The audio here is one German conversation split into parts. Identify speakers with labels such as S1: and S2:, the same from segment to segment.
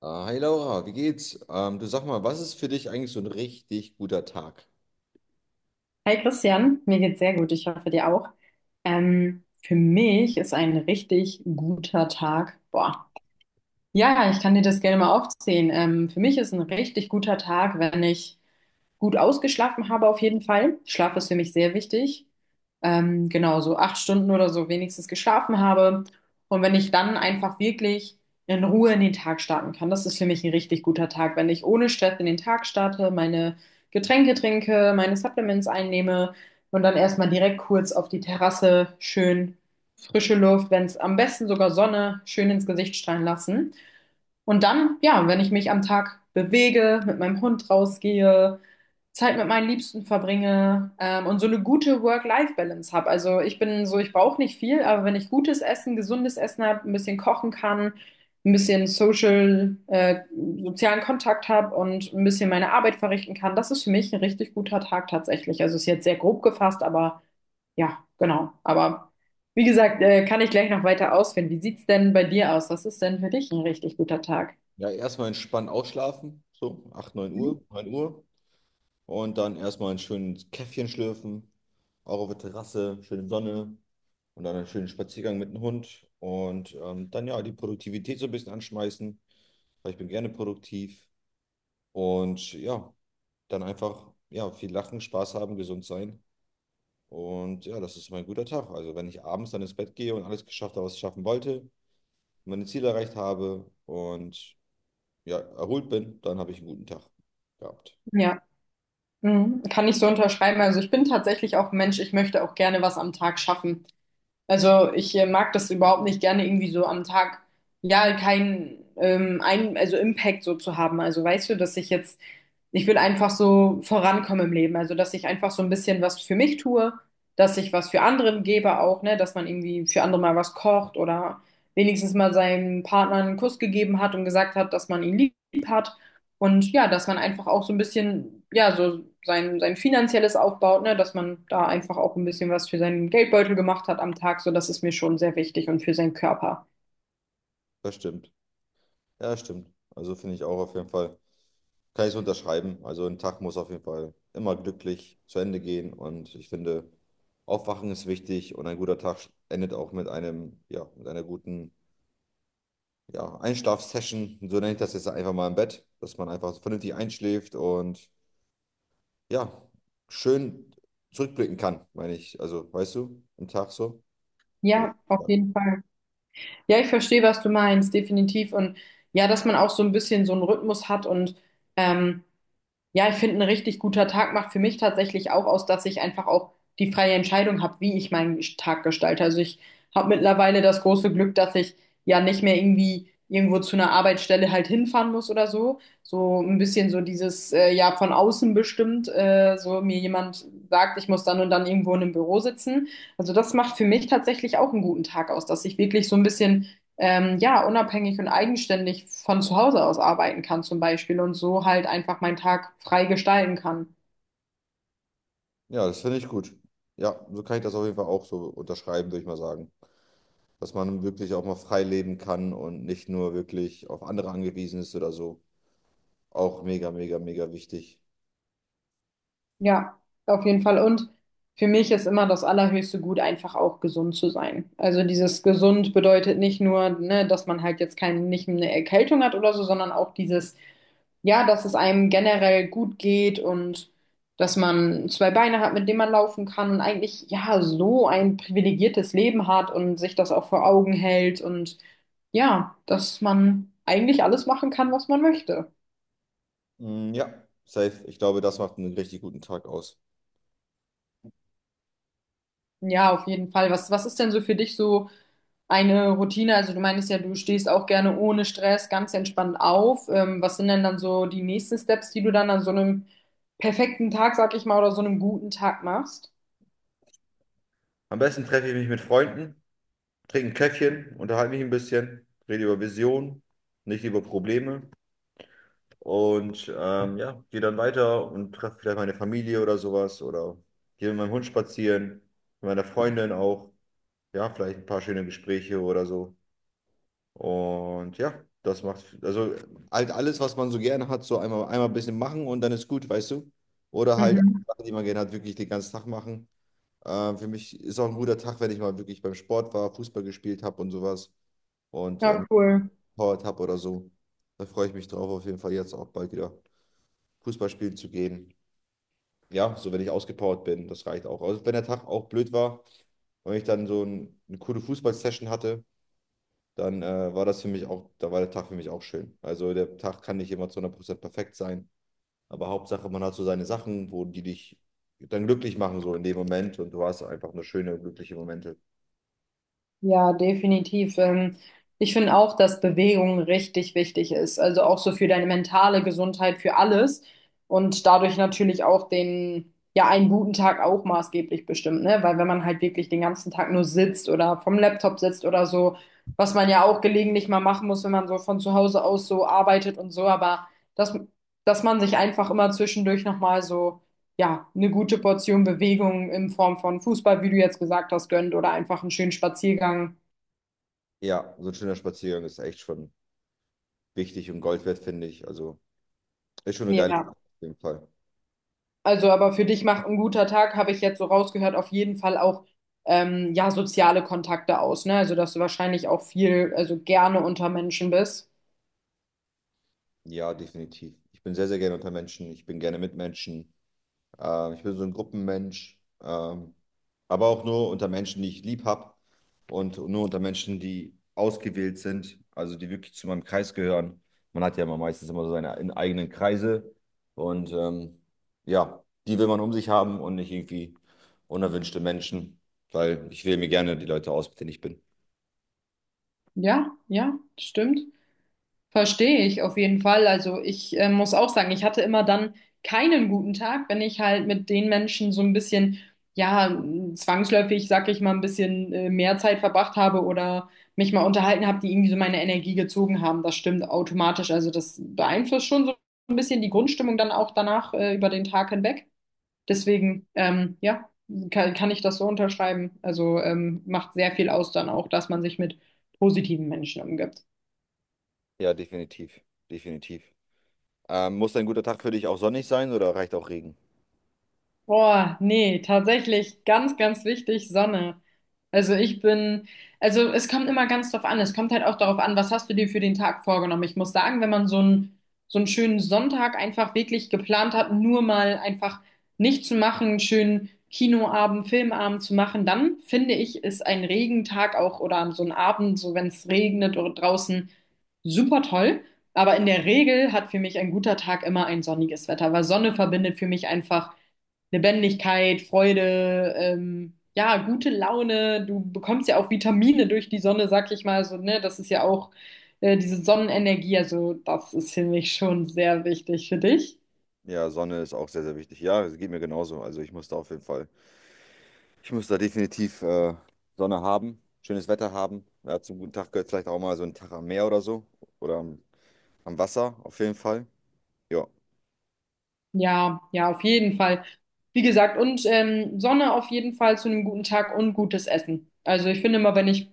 S1: Ah, hi Laura, wie geht's? Du sag mal, was ist für dich eigentlich so ein richtig guter Tag?
S2: Hi Christian, mir geht's sehr gut, ich hoffe dir auch. Für mich ist ein richtig guter Tag. Boah. Ja, ich kann dir das gerne mal aufzählen. Für mich ist ein richtig guter Tag, wenn ich gut ausgeschlafen habe auf jeden Fall. Schlaf ist für mich sehr wichtig. Genau, so acht Stunden oder so wenigstens geschlafen habe. Und wenn ich dann einfach wirklich in Ruhe in den Tag starten kann, das ist für mich ein richtig guter Tag. Wenn ich ohne Stress in den Tag starte, meine Getränke trinke, meine Supplements einnehme und dann erstmal direkt kurz auf die Terrasse schön frische Luft, wenn es am besten sogar Sonne schön ins Gesicht strahlen lassen. Und dann, ja, wenn ich mich am Tag bewege, mit meinem Hund rausgehe, Zeit mit meinen Liebsten verbringe, und so eine gute Work-Life-Balance habe. Also ich bin so, ich brauche nicht viel, aber wenn ich gutes Essen, gesundes Essen habe, ein bisschen kochen kann, ein bisschen Social, sozialen Kontakt habe und ein bisschen meine Arbeit verrichten kann, das ist für mich ein richtig guter Tag tatsächlich. Also ist jetzt sehr grob gefasst, aber ja, genau. Aber wie gesagt, kann ich gleich noch weiter ausführen. Wie sieht's denn bei dir aus? Was ist denn für dich ein richtig guter Tag?
S1: Ja, erstmal entspannt ausschlafen, so 8 9
S2: Mhm.
S1: Uhr, 9 Uhr. Und dann erstmal ein schönes Käffchen schlürfen, auch auf der Terrasse, schöne Sonne und dann einen schönen Spaziergang mit dem Hund. Und dann ja, die Produktivität so ein bisschen anschmeißen, weil ich bin gerne produktiv. Und ja, dann einfach ja, viel lachen, Spaß haben, gesund sein. Und ja, das ist mein guter Tag. Also wenn ich abends dann ins Bett gehe und alles geschafft habe, was ich schaffen wollte, meine Ziele erreicht habe und ja, erholt bin, dann habe ich einen guten Tag gehabt.
S2: Ja, mhm. Kann ich so unterschreiben. Also ich bin tatsächlich auch ein Mensch, ich möchte auch gerne was am Tag schaffen. Also ich mag das überhaupt nicht gerne irgendwie so am Tag, ja, kein, ein, also Impact so zu haben. Also weißt du, dass ich jetzt, ich will einfach so vorankommen im Leben. Also dass ich einfach so ein bisschen was für mich tue, dass ich was für anderen gebe auch, ne, dass man irgendwie für andere mal was kocht oder wenigstens mal seinem Partner einen Kuss gegeben hat und gesagt hat, dass man ihn lieb hat. Und ja, dass man einfach auch so ein bisschen, ja, so sein, sein finanzielles aufbaut, ne, dass man da einfach auch ein bisschen was für seinen Geldbeutel gemacht hat am Tag, so das ist mir schon sehr wichtig und für seinen Körper.
S1: Das stimmt. Ja, das stimmt. Also finde ich auch auf jeden Fall, kann ich es unterschreiben. Also ein Tag muss auf jeden Fall immer glücklich zu Ende gehen und ich finde, Aufwachen ist wichtig und ein guter Tag endet auch mit einem, ja, mit einer guten, ja, Einschlafsession. So nenne ich das jetzt einfach mal im Bett, dass man einfach vernünftig einschläft und ja, schön zurückblicken kann, meine ich. Also, weißt du, im Tag so. Oder,
S2: Ja, auf
S1: ja.
S2: jeden Fall. Ja, ich verstehe, was du meinst, definitiv. Und ja, dass man auch so ein bisschen so einen Rhythmus hat und ähm, ja, ich finde, ein richtig guter Tag macht für mich tatsächlich auch aus, dass ich einfach auch die freie Entscheidung habe, wie ich meinen Tag gestalte. Also ich habe mittlerweile das große Glück, dass ich ja nicht mehr irgendwie irgendwo zu einer Arbeitsstelle halt hinfahren muss oder so. So ein bisschen so dieses, ja, von außen bestimmt, so mir jemand sagt, ich muss dann und dann irgendwo in einem Büro sitzen. Also das macht für mich tatsächlich auch einen guten Tag aus, dass ich wirklich so ein bisschen ja, unabhängig und eigenständig von zu Hause aus arbeiten kann zum Beispiel und so halt einfach meinen Tag frei gestalten kann.
S1: Ja, das finde ich gut. Ja, so kann ich das auf jeden Fall auch so unterschreiben, würde ich mal sagen. Dass man wirklich auch mal frei leben kann und nicht nur wirklich auf andere angewiesen ist oder so. Auch mega, mega, mega wichtig.
S2: Ja, auf jeden Fall. Und für mich ist immer das allerhöchste Gut, einfach auch gesund zu sein. Also dieses gesund bedeutet nicht nur, ne, dass man halt jetzt keine, nicht eine Erkältung hat oder so, sondern auch dieses, ja, dass es einem generell gut geht und dass man zwei Beine hat, mit denen man laufen kann und eigentlich, ja, so ein privilegiertes Leben hat und sich das auch vor Augen hält und ja, dass man eigentlich alles machen kann, was man möchte.
S1: Mm, ja, safe. Ich glaube, das macht einen richtig guten Tag aus.
S2: Ja, auf jeden Fall. Was ist denn so für dich so eine Routine? Also du meinst ja, du stehst auch gerne ohne Stress ganz entspannt auf. Was sind denn dann so die nächsten Steps, die du dann an so einem perfekten Tag, sag ich mal, oder so einem guten Tag machst?
S1: Am besten treffe ich mich mit Freunden, trinke ein Käffchen, unterhalte mich ein bisschen, rede über Visionen, nicht über Probleme. Und ja, gehe dann weiter und treffe vielleicht meine Familie oder sowas oder gehe mit meinem Hund spazieren, mit meiner Freundin auch. Ja, vielleicht ein paar schöne Gespräche oder so. Und ja, das macht, also halt alles, was man so gerne hat, so einmal, einmal ein bisschen machen und dann ist gut, weißt du? Oder halt
S2: Mhm.
S1: Sachen, die man gerne hat, wirklich den ganzen Tag machen. Für mich ist auch ein guter Tag, wenn ich mal wirklich beim Sport war, Fußball gespielt habe und sowas und
S2: Ja, cool.
S1: gepowert habe oder so. Da freue ich mich drauf, auf jeden Fall jetzt auch bald wieder Fußball spielen zu gehen. Ja, so wenn ich ausgepowert bin, das reicht auch. Also wenn der Tag auch blöd war und ich dann eine coole Fußballsession hatte, dann war das für mich auch, da war der Tag für mich auch schön. Also der Tag kann nicht immer zu 100% perfekt sein, aber Hauptsache, man hat so seine Sachen, wo die dich dann glücklich machen, so in dem Moment und du hast einfach nur schöne, glückliche Momente.
S2: Ja, definitiv. Ich finde auch, dass Bewegung richtig wichtig ist. Also auch so für deine mentale Gesundheit, für alles. Und dadurch natürlich auch den, ja, einen guten Tag auch maßgeblich bestimmt, ne? Weil wenn man halt wirklich den ganzen Tag nur sitzt oder vom Laptop sitzt oder so, was man ja auch gelegentlich mal machen muss, wenn man so von zu Hause aus so arbeitet und so, aber dass, dass man sich einfach immer zwischendurch nochmal so ja, eine gute Portion Bewegung in Form von Fußball, wie du jetzt gesagt hast, gönnt oder einfach einen schönen Spaziergang.
S1: Ja, so ein schöner Spaziergang ist echt schon wichtig und Gold wert, finde ich. Also ist schon eine geile
S2: Ja,
S1: Sache auf jeden Fall.
S2: also aber für dich macht ein guter Tag, habe ich jetzt so rausgehört, auf jeden Fall auch ja, soziale Kontakte aus, ne? Also dass du wahrscheinlich auch viel, also gerne unter Menschen bist.
S1: Ja, definitiv. Ich bin sehr, sehr gerne unter Menschen. Ich bin gerne mit Menschen. Ich bin so ein Gruppenmensch, aber auch nur unter Menschen, die ich lieb habe und nur unter Menschen, die ausgewählt sind, also die wirklich zu meinem Kreis gehören. Man hat ja immer meistens immer so seine eigenen Kreise und ja, die will man um sich haben und nicht irgendwie unerwünschte Menschen, weil ich wähle mir gerne die Leute aus, mit denen ich bin.
S2: Ja, stimmt. Verstehe ich auf jeden Fall. Also ich muss auch sagen, ich hatte immer dann keinen guten Tag, wenn ich halt mit den Menschen so ein bisschen, ja, zwangsläufig, sag ich mal, ein bisschen mehr Zeit verbracht habe oder mich mal unterhalten habe, die irgendwie so meine Energie gezogen haben. Das stimmt automatisch. Also das beeinflusst schon so ein bisschen die Grundstimmung dann auch danach über den Tag hinweg. Deswegen, ja, kann ich das so unterschreiben. Also macht sehr viel aus dann auch, dass man sich mit positiven Menschen umgibt.
S1: Ja, definitiv, definitiv. Muss ein guter Tag für dich auch sonnig sein oder reicht auch Regen?
S2: Boah, nee, tatsächlich ganz, ganz wichtig, Sonne. Also ich bin, also es kommt immer ganz drauf an. Es kommt halt auch darauf an, was hast du dir für den Tag vorgenommen. Ich muss sagen, wenn man so einen schönen Sonntag einfach wirklich geplant hat, nur mal einfach nichts zu machen, einen schönen Kinoabend, Filmabend zu machen, dann finde ich, ist ein Regentag auch oder so ein Abend, so wenn es regnet oder draußen, super toll. Aber in der Regel hat für mich ein guter Tag immer ein sonniges Wetter, weil Sonne verbindet für mich einfach. Lebendigkeit, Freude, ja, gute Laune. Du bekommst ja auch Vitamine durch die Sonne, sag ich mal so, ne? Das ist ja auch diese Sonnenenergie, also das ist für mich schon sehr wichtig für dich.
S1: Ja, Sonne ist auch sehr, sehr wichtig. Ja, es geht mir genauso. Also ich muss da auf jeden Fall. Ich muss da definitiv Sonne haben, schönes Wetter haben. Ja, zum guten Tag gehört vielleicht auch mal so ein Tag am Meer oder so. Oder am Wasser auf jeden Fall. Ja,
S2: Ja, auf jeden Fall. Wie gesagt, und Sonne auf jeden Fall zu einem guten Tag und gutes Essen. Also ich finde immer, wenn ich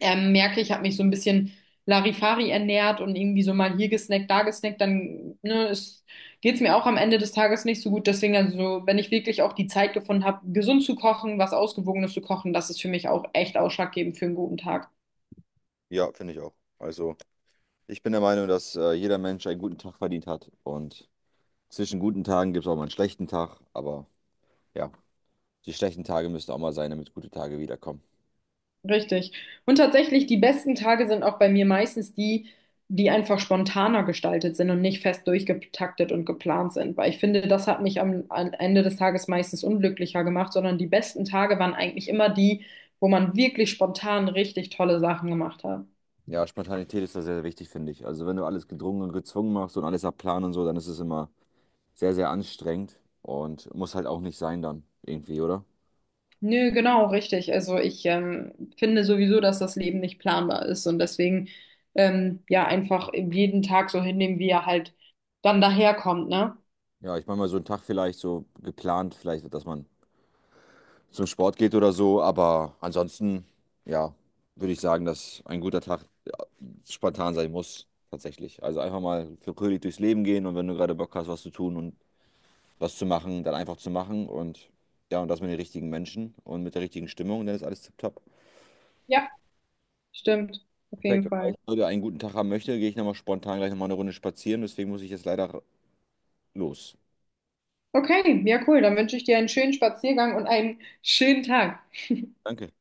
S2: merke, ich habe mich so ein bisschen Larifari ernährt und irgendwie so mal hier gesnackt, da gesnackt, dann ne, es, geht's mir auch am Ende des Tages nicht so gut. Deswegen, also, wenn ich wirklich auch die Zeit gefunden habe, gesund zu kochen, was Ausgewogenes zu kochen, das ist für mich auch echt ausschlaggebend für einen guten Tag.
S1: ja, finde ich auch. Also ich bin der Meinung, dass jeder Mensch einen guten Tag verdient hat. Und zwischen guten Tagen gibt es auch mal einen schlechten Tag. Aber ja, die schlechten Tage müssen auch mal sein, damit gute Tage wiederkommen.
S2: Richtig. Und tatsächlich, die besten Tage sind auch bei mir meistens die, die einfach spontaner gestaltet sind und nicht fest durchgetaktet und geplant sind. Weil ich finde, das hat mich am Ende des Tages meistens unglücklicher gemacht, sondern die besten Tage waren eigentlich immer die, wo man wirklich spontan richtig tolle Sachen gemacht hat.
S1: Ja, Spontanität ist da sehr, sehr wichtig, finde ich. Also wenn du alles gedrungen und gezwungen machst und alles nach Plan und so, dann ist es immer sehr, sehr anstrengend und muss halt auch nicht sein dann irgendwie, oder?
S2: Nö, genau, richtig. Also ich finde sowieso, dass das Leben nicht planbar ist und deswegen ja einfach jeden Tag so hinnehmen, wie er halt dann daherkommt, ne?
S1: Ja, ich meine mal so einen Tag vielleicht so geplant, vielleicht, dass man zum Sport geht oder so, aber ansonsten, ja, würde ich sagen, dass ein guter Tag ja, spontan sein muss, tatsächlich. Also einfach mal für fröhlich durchs Leben gehen und wenn du gerade Bock hast, was zu tun und was zu machen, dann einfach zu machen und ja, und das mit den richtigen Menschen und mit der richtigen Stimmung, dann ist alles tipptopp.
S2: Ja, stimmt. Auf
S1: Perfekt.
S2: jeden
S1: Falls
S2: Fall.
S1: ich heute einen guten Tag haben möchte, gehe ich nochmal spontan gleich nochmal eine Runde spazieren, deswegen muss ich jetzt leider los.
S2: Okay, ja cool. Dann wünsche ich dir einen schönen Spaziergang und einen schönen Tag.
S1: Danke.